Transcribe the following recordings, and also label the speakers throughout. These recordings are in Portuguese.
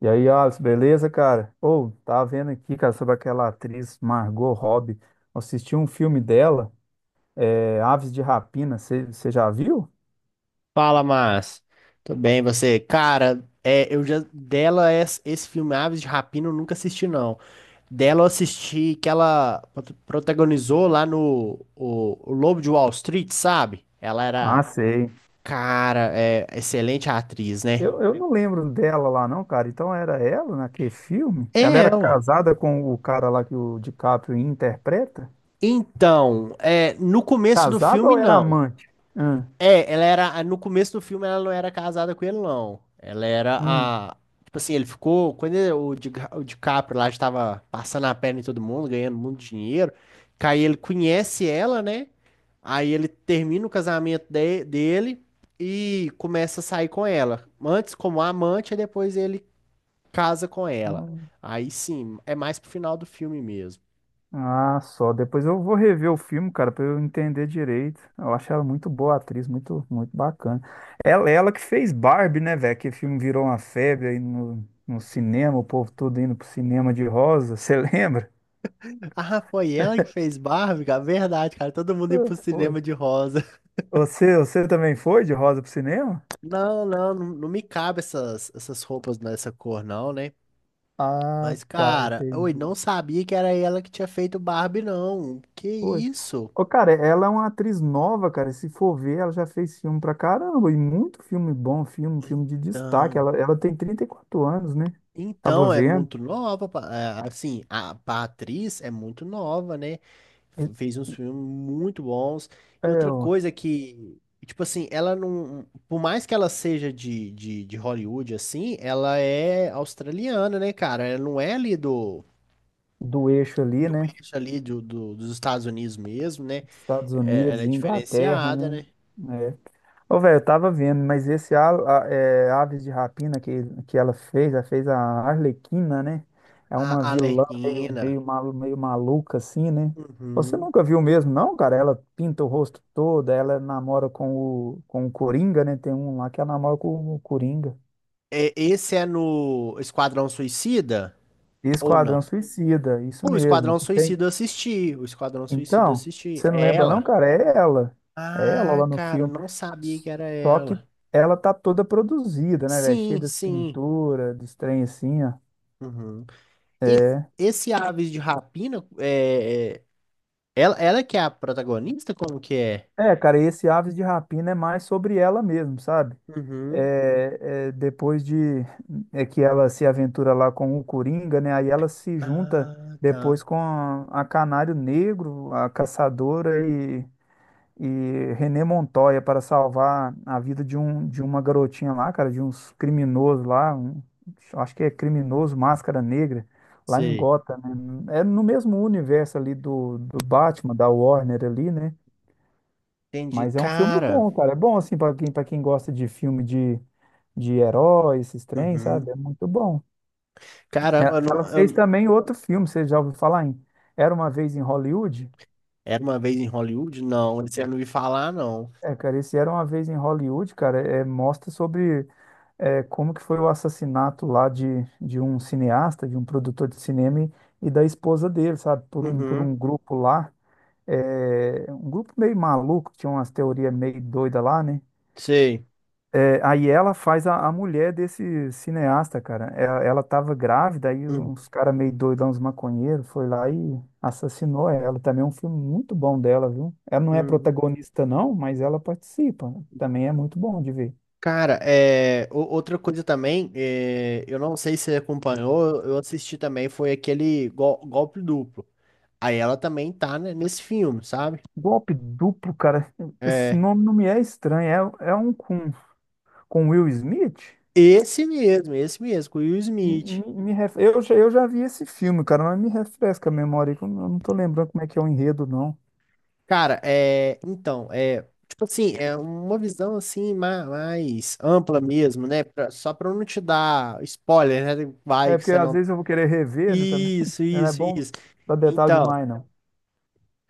Speaker 1: E aí, Alice, beleza, cara? Ou, tava vendo aqui, cara, sobre aquela atriz Margot Robbie. Assisti um filme dela, Aves de Rapina, você já viu?
Speaker 2: Fala, Márcio. Tudo bem, e você? Cara, eu já dela es- esse filme Aves de Rapina eu nunca assisti não. Dela eu assisti que ela protagonizou lá no o Lobo de Wall Street, sabe?
Speaker 1: Ah, sei.
Speaker 2: Cara, é excelente atriz, né?
Speaker 1: Eu não lembro dela lá, não, cara. Então era ela naquele filme? Ela
Speaker 2: É
Speaker 1: era
Speaker 2: ela.
Speaker 1: casada com o cara lá que o DiCaprio interpreta?
Speaker 2: Então, no começo do
Speaker 1: Casada
Speaker 2: filme
Speaker 1: ou era
Speaker 2: não.
Speaker 1: amante? Hum,
Speaker 2: É, ela era. No começo do filme, ela não era casada com ele, não. Ela era a. Tipo assim, ele ficou. Quando o DiCaprio lá estava passando a perna em todo mundo, ganhando muito dinheiro. Que Aí ele conhece ela, né? Aí ele termina o casamento dele e começa a sair com ela. Antes como amante, e depois ele casa com ela.
Speaker 1: hum.
Speaker 2: Aí sim, é mais pro final do filme mesmo.
Speaker 1: Ah, só. Depois eu vou rever o filme, cara, pra eu entender direito. Eu acho ela muito boa atriz, muito, muito bacana. Ela que fez Barbie, né, velho? Que o filme virou uma febre aí no cinema, o povo todo indo pro cinema de rosa. Você lembra?
Speaker 2: Ah, foi ela que fez Barbie, cara? Verdade, cara. Todo mundo ia
Speaker 1: Ah,
Speaker 2: pro
Speaker 1: foi.
Speaker 2: cinema de rosa.
Speaker 1: Você também foi de rosa pro cinema?
Speaker 2: Não, não não me cabe essas roupas nessa cor, não, né?
Speaker 1: Ah,
Speaker 2: Mas,
Speaker 1: tá,
Speaker 2: cara, oi,
Speaker 1: entendi.
Speaker 2: não sabia que era ela que tinha feito Barbie, não. Que
Speaker 1: Foi.
Speaker 2: isso?
Speaker 1: Ô, cara, ela é uma atriz nova, cara. Se for ver, ela já fez filme pra caramba. E muito filme bom, filme de destaque.
Speaker 2: Então,
Speaker 1: Ela tem 34 anos, né? Tava
Speaker 2: então, é
Speaker 1: vendo.
Speaker 2: muito nova, assim, a atriz é muito nova, né?
Speaker 1: É,
Speaker 2: Fez uns filmes muito bons.
Speaker 1: é,
Speaker 2: E outra
Speaker 1: o-
Speaker 2: coisa que, tipo assim, ela não, por mais que ela seja de Hollywood, assim, ela é australiana, né, cara? Ela não é ali
Speaker 1: do eixo ali,
Speaker 2: do
Speaker 1: né?
Speaker 2: eixo ali dos Estados Unidos mesmo, né?
Speaker 1: Estados
Speaker 2: É,
Speaker 1: Unidos,
Speaker 2: ela é
Speaker 1: Inglaterra,
Speaker 2: diferenciada,
Speaker 1: né?
Speaker 2: né?
Speaker 1: É. Ô, velho, eu tava vendo, mas esse Aves de Rapina que ela fez, a Arlequina, né? É uma
Speaker 2: A
Speaker 1: vilã
Speaker 2: Arlequina.
Speaker 1: meio maluca, assim, né? Você
Speaker 2: Uhum.
Speaker 1: nunca viu mesmo, não, cara? Ela pinta o rosto todo, ela namora com o Coringa, né? Tem um lá que ela namora com o Coringa.
Speaker 2: É, esse é no Esquadrão Suicida ou
Speaker 1: Esquadrão
Speaker 2: não?
Speaker 1: Suicida, isso
Speaker 2: O
Speaker 1: mesmo.
Speaker 2: Esquadrão
Speaker 1: Tem.
Speaker 2: Suicida eu assisti. O Esquadrão Suicida eu
Speaker 1: Então,
Speaker 2: assisti.
Speaker 1: você não
Speaker 2: É
Speaker 1: lembra não,
Speaker 2: ela?
Speaker 1: cara? É ela. É ela
Speaker 2: Ah,
Speaker 1: lá no
Speaker 2: cara, eu
Speaker 1: filme.
Speaker 2: não sabia que era
Speaker 1: Só que
Speaker 2: ela.
Speaker 1: ela tá toda produzida, né, velho? Cheia
Speaker 2: Sim,
Speaker 1: das
Speaker 2: sim.
Speaker 1: pinturas, dos trem assim, ó.
Speaker 2: Uhum. E esse Aves de Rapina, ela é que é a protagonista? Como que é?
Speaker 1: Cara, e esse Aves de Rapina é mais sobre ela mesmo, sabe?
Speaker 2: Uhum.
Speaker 1: Depois de é que ela se aventura lá com o Coringa, né? Aí ela se junta
Speaker 2: Ah, tá.
Speaker 1: depois com a Canário Negro, a Caçadora e René Montoya para salvar a vida de, um, de uma garotinha lá, cara, de uns criminosos lá, acho que é criminoso Máscara Negra, lá em
Speaker 2: Sei.
Speaker 1: Gotham, né? É no mesmo universo ali do Batman, da Warner ali, né?
Speaker 2: Entendi.
Speaker 1: Mas é um filme
Speaker 2: Cara,
Speaker 1: bom, cara. É bom, assim, para quem, gosta de filme de herói, esses trem, sabe? É
Speaker 2: uhum.
Speaker 1: muito bom.
Speaker 2: Caramba, eu não-
Speaker 1: Ela fez
Speaker 2: eu-
Speaker 1: também outro filme, você já ouviu falar em Era Uma Vez em Hollywood?
Speaker 2: era Uma Vez em Hollywood? Não, esse eu não vi falar, não.
Speaker 1: É, cara, esse Era Uma Vez em Hollywood, cara, mostra sobre como que foi o assassinato lá de um cineasta, de um produtor de cinema e da esposa dele, sabe? Por um, por
Speaker 2: Uhum.
Speaker 1: um grupo lá, um grupo meio maluco, que tinha umas teorias meio doida lá, né?
Speaker 2: Sei.
Speaker 1: Aí ela faz a mulher desse cineasta, cara. Ela tava grávida, aí
Speaker 2: Uhum.
Speaker 1: uns caras meio doidão, uns maconheiros, foi lá e assassinou ela. Também é um filme muito bom dela, viu? Ela não é
Speaker 2: Uhum.
Speaker 1: protagonista, não, mas ela participa. Também é muito bom de ver.
Speaker 2: Cara, outra coisa também, eu não sei se você acompanhou, eu assisti também, foi aquele Golpe Duplo. Aí ela também tá, né, nesse filme, sabe?
Speaker 1: Golpe duplo, cara. Esse
Speaker 2: É,
Speaker 1: nome não me é estranho. É um com Will Smith?
Speaker 2: esse mesmo, com o Will Smith.
Speaker 1: Me ref- eu, já- Eu já vi esse filme, cara, mas me refresca a memória, que eu não tô lembrando como é que é o enredo, não.
Speaker 2: Cara, então, tipo assim, é uma visão assim mais, ampla mesmo, né? Só pra eu não te dar spoiler, né? Vai
Speaker 1: É
Speaker 2: que
Speaker 1: porque
Speaker 2: você
Speaker 1: às
Speaker 2: não.
Speaker 1: vezes eu vou querer rever, né, também.
Speaker 2: Isso,
Speaker 1: Não é
Speaker 2: isso,
Speaker 1: bom
Speaker 2: isso.
Speaker 1: dar detalhe
Speaker 2: Então,
Speaker 1: demais, não.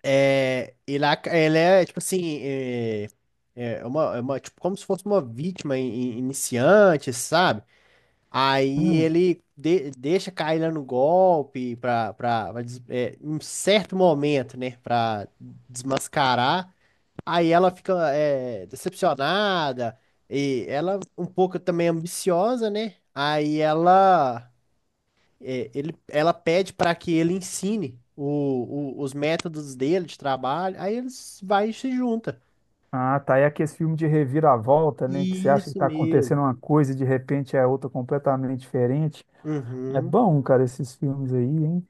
Speaker 2: ele é tipo assim, tipo, como se fosse uma vítima iniciante, sabe? Aí
Speaker 1: Hum.
Speaker 2: ele deixa cair lá no golpe pra em um certo momento, né? Pra desmascarar. Aí ela fica decepcionada e ela um pouco também ambiciosa, né? Aí ela pede para que ele ensine os métodos dele de trabalho. Aí eles vai e se junta.
Speaker 1: Ah, tá. É aquele filme de reviravolta, né? Que você acha que
Speaker 2: Isso
Speaker 1: tá
Speaker 2: mesmo.
Speaker 1: acontecendo uma coisa e de repente é outra completamente diferente. É
Speaker 2: Uhum.
Speaker 1: bom, cara, esses filmes aí, hein?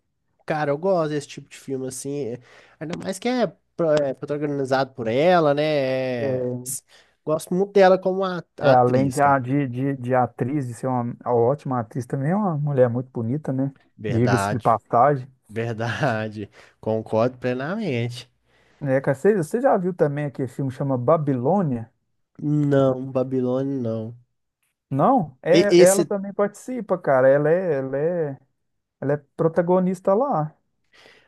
Speaker 2: Cara, eu gosto desse tipo de filme assim, ainda mais que é protagonizado por ela, né? É,
Speaker 1: É.
Speaker 2: gosto muito dela como a,
Speaker 1: É, além
Speaker 2: atriz, cara.
Speaker 1: de atriz, de ser uma ótima atriz, também é uma mulher muito bonita, né? Diga-se de
Speaker 2: Verdade.
Speaker 1: passagem.
Speaker 2: Verdade, concordo plenamente.
Speaker 1: É, cara, você já viu também aquele filme que chama Babilônia?
Speaker 2: Não, Babilônia não.
Speaker 1: Não?
Speaker 2: E-
Speaker 1: É, ela
Speaker 2: esse
Speaker 1: também participa, cara. Ela é protagonista lá.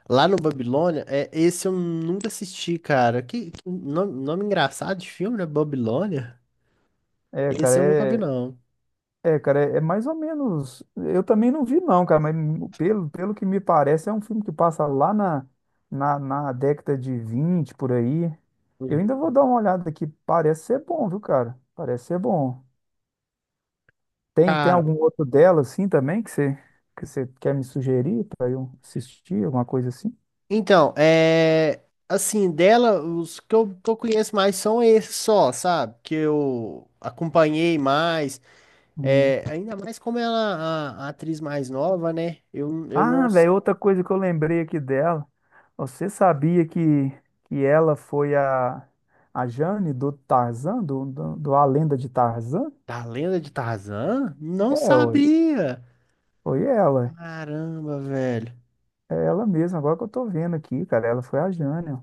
Speaker 2: lá no Babilônia, esse eu nunca assisti, cara. Que nome engraçado de filme, né? Babilônia?
Speaker 1: É, cara,
Speaker 2: Esse eu nunca vi,
Speaker 1: é,
Speaker 2: não.
Speaker 1: É, cara, é mais ou menos. Eu também não vi, não, cara, mas pelo que me parece, é um filme que passa lá na década de 20 por aí. Eu ainda vou
Speaker 2: Uhum.
Speaker 1: dar uma olhada aqui. Parece ser bom, viu, cara? Parece ser bom. Tem
Speaker 2: Cara,
Speaker 1: algum outro dela, assim, também, que você quer me sugerir para eu assistir, alguma coisa assim?
Speaker 2: então. Assim, dela, os que eu conheço mais são esses só, sabe? Que eu acompanhei mais.
Speaker 1: Hum.
Speaker 2: É, ainda mais como ela é a atriz mais nova, né? Eu não.
Speaker 1: Ah, velho, outra coisa que eu lembrei aqui dela. Você sabia que ela foi a Jane do Tarzan, do A Lenda de Tarzan?
Speaker 2: Da Lenda de Tarzan? Não
Speaker 1: Ué,
Speaker 2: sabia.
Speaker 1: foi ela.
Speaker 2: Caramba, velho.
Speaker 1: É ela mesma, agora que eu tô vendo aqui, cara. Ela foi a Jane, ó.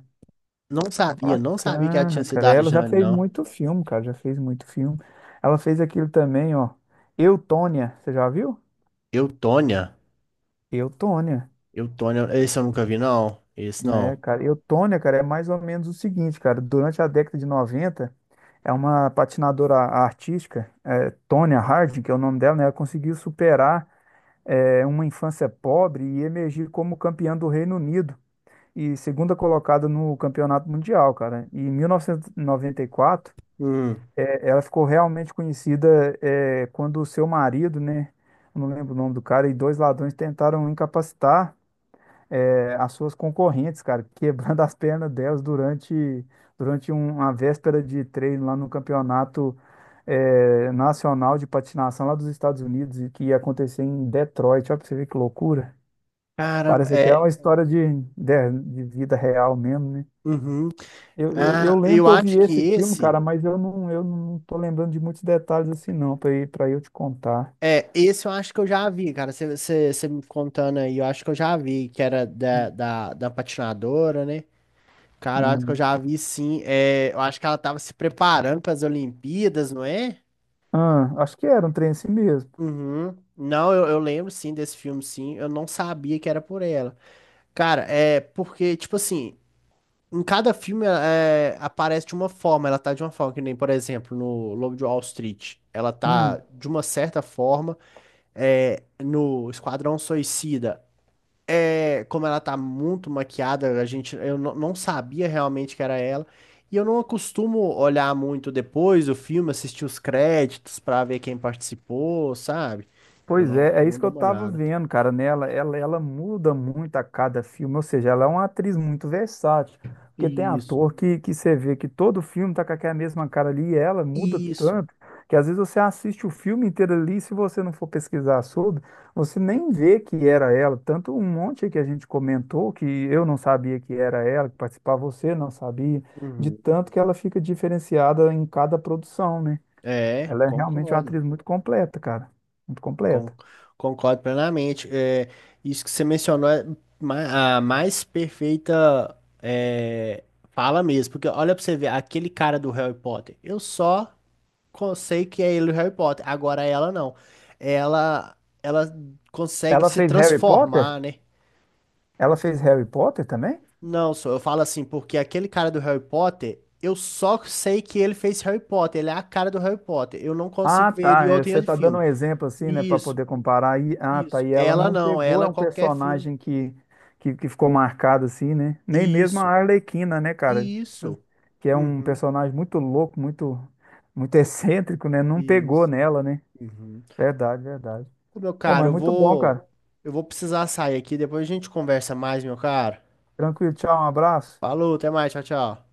Speaker 2: Não sabia, não sabia que ela tinha
Speaker 1: Bacana,
Speaker 2: sido
Speaker 1: cara.
Speaker 2: a
Speaker 1: Ela já
Speaker 2: Jane,
Speaker 1: fez
Speaker 2: não.
Speaker 1: muito filme, cara. Já fez muito filme. Ela fez aquilo também, ó. Eu, Tônia. Você já viu?
Speaker 2: Eutônia.
Speaker 1: Eu, Tônia.
Speaker 2: Eutônia, esse eu nunca vi, não. Esse
Speaker 1: É,
Speaker 2: não.
Speaker 1: cara, Eutônia, cara, é mais ou menos o seguinte, cara, durante a década de 90, é uma patinadora artística, Tonya Harding, que é o nome dela, né, ela conseguiu superar uma infância pobre e emergir como campeã do Reino Unido e segunda colocada no Campeonato Mundial, cara. Em 1994,
Speaker 2: Hum.
Speaker 1: ela ficou realmente conhecida quando o seu marido, né, eu não lembro o nome do cara, e dois ladrões tentaram incapacitar as suas concorrentes, cara, quebrando as pernas delas durante, uma véspera de treino lá no campeonato nacional de patinação lá dos Estados Unidos, e que ia acontecer em Detroit. Olha pra você ver que loucura.
Speaker 2: Caramba,
Speaker 1: Parece
Speaker 2: é.
Speaker 1: até uma história de vida real mesmo, né?
Speaker 2: Uhum.
Speaker 1: Eu
Speaker 2: Ah,
Speaker 1: lembro
Speaker 2: eu
Speaker 1: que eu vi
Speaker 2: acho que
Speaker 1: esse filme,
Speaker 2: esse.
Speaker 1: cara, mas eu não tô lembrando de muitos detalhes assim, não, para eu te contar.
Speaker 2: É, esse eu acho que eu já vi, cara. Você me contando aí, eu acho que eu já vi, que era da patinadora, né? Cara, eu acho que eu
Speaker 1: Hum.
Speaker 2: já vi sim. É, eu acho que ela tava se preparando para as Olimpíadas, não é?
Speaker 1: Ah, acho que era um trem assim mesmo.
Speaker 2: Uhum. Não, eu lembro sim desse filme, sim. Eu não sabia que era por ela. Cara, é porque, tipo assim, em cada filme aparece de uma forma, ela tá de uma forma, que nem, por exemplo, no Lobo de Wall Street, ela tá
Speaker 1: Hum.
Speaker 2: de uma certa forma, no Esquadrão Suicida, como ela tá muito maquiada, eu não sabia realmente que era ela. E eu não costumo olhar muito depois do filme, assistir os créditos pra ver quem participou, sabe? Eu
Speaker 1: Pois
Speaker 2: não,
Speaker 1: é, é
Speaker 2: não
Speaker 1: isso que
Speaker 2: dou
Speaker 1: eu
Speaker 2: uma
Speaker 1: tava
Speaker 2: olhada.
Speaker 1: vendo, cara, nela. Ela muda muito a cada filme, ou seja, ela é uma atriz muito versátil. Porque tem
Speaker 2: Isso,
Speaker 1: ator que você vê que todo filme tá com aquela mesma cara ali e ela muda
Speaker 2: isso.
Speaker 1: tanto que às vezes você assiste o filme inteiro ali e se você não for pesquisar sobre, você nem vê que era ela. Tanto um monte que a gente comentou que eu não sabia que era ela, que participava, você não sabia, de
Speaker 2: Uhum.
Speaker 1: tanto que ela fica diferenciada em cada produção, né?
Speaker 2: É,
Speaker 1: Ela é realmente uma
Speaker 2: concordo.
Speaker 1: atriz muito completa, cara. Muito
Speaker 2: Con-
Speaker 1: completa.
Speaker 2: concordo plenamente. É, isso que você mencionou é a mais perfeita fala mesmo. Porque olha pra você ver, aquele cara do Harry Potter, eu só sei que é ele o Harry Potter. Agora ela não. Ela, ela consegue
Speaker 1: Ela
Speaker 2: se
Speaker 1: fez Harry Potter?
Speaker 2: transformar, né?
Speaker 1: Ela fez Harry Potter também?
Speaker 2: Não, só eu falo assim, porque aquele cara do Harry Potter, eu só sei que ele fez Harry Potter, ele é a cara do Harry Potter. Eu não consigo
Speaker 1: Ah,
Speaker 2: ver ele em
Speaker 1: tá.
Speaker 2: outro, em
Speaker 1: Você
Speaker 2: outro
Speaker 1: tá dando
Speaker 2: filme.
Speaker 1: um exemplo assim, né, para
Speaker 2: Isso,
Speaker 1: poder comparar. E, ah, tá.
Speaker 2: isso.
Speaker 1: E ela
Speaker 2: Ela
Speaker 1: não
Speaker 2: não,
Speaker 1: pegou,
Speaker 2: ela
Speaker 1: é
Speaker 2: é
Speaker 1: um
Speaker 2: qualquer filme.
Speaker 1: personagem que, que ficou marcado assim, né? Nem mesmo a
Speaker 2: Isso,
Speaker 1: Arlequina, né, cara?
Speaker 2: isso.
Speaker 1: Que é um
Speaker 2: Uhum,
Speaker 1: personagem muito louco, muito, muito excêntrico, né? Não pegou
Speaker 2: isso.
Speaker 1: nela, né?
Speaker 2: Uhum.
Speaker 1: Verdade, verdade.
Speaker 2: Ô, meu
Speaker 1: Pô,
Speaker 2: caro,
Speaker 1: mas
Speaker 2: eu
Speaker 1: muito bom,
Speaker 2: vou,
Speaker 1: cara.
Speaker 2: eu vou precisar sair aqui, depois a gente conversa mais, meu caro.
Speaker 1: Tranquilo, tchau, um abraço.
Speaker 2: Falou, até mais, tchau, tchau.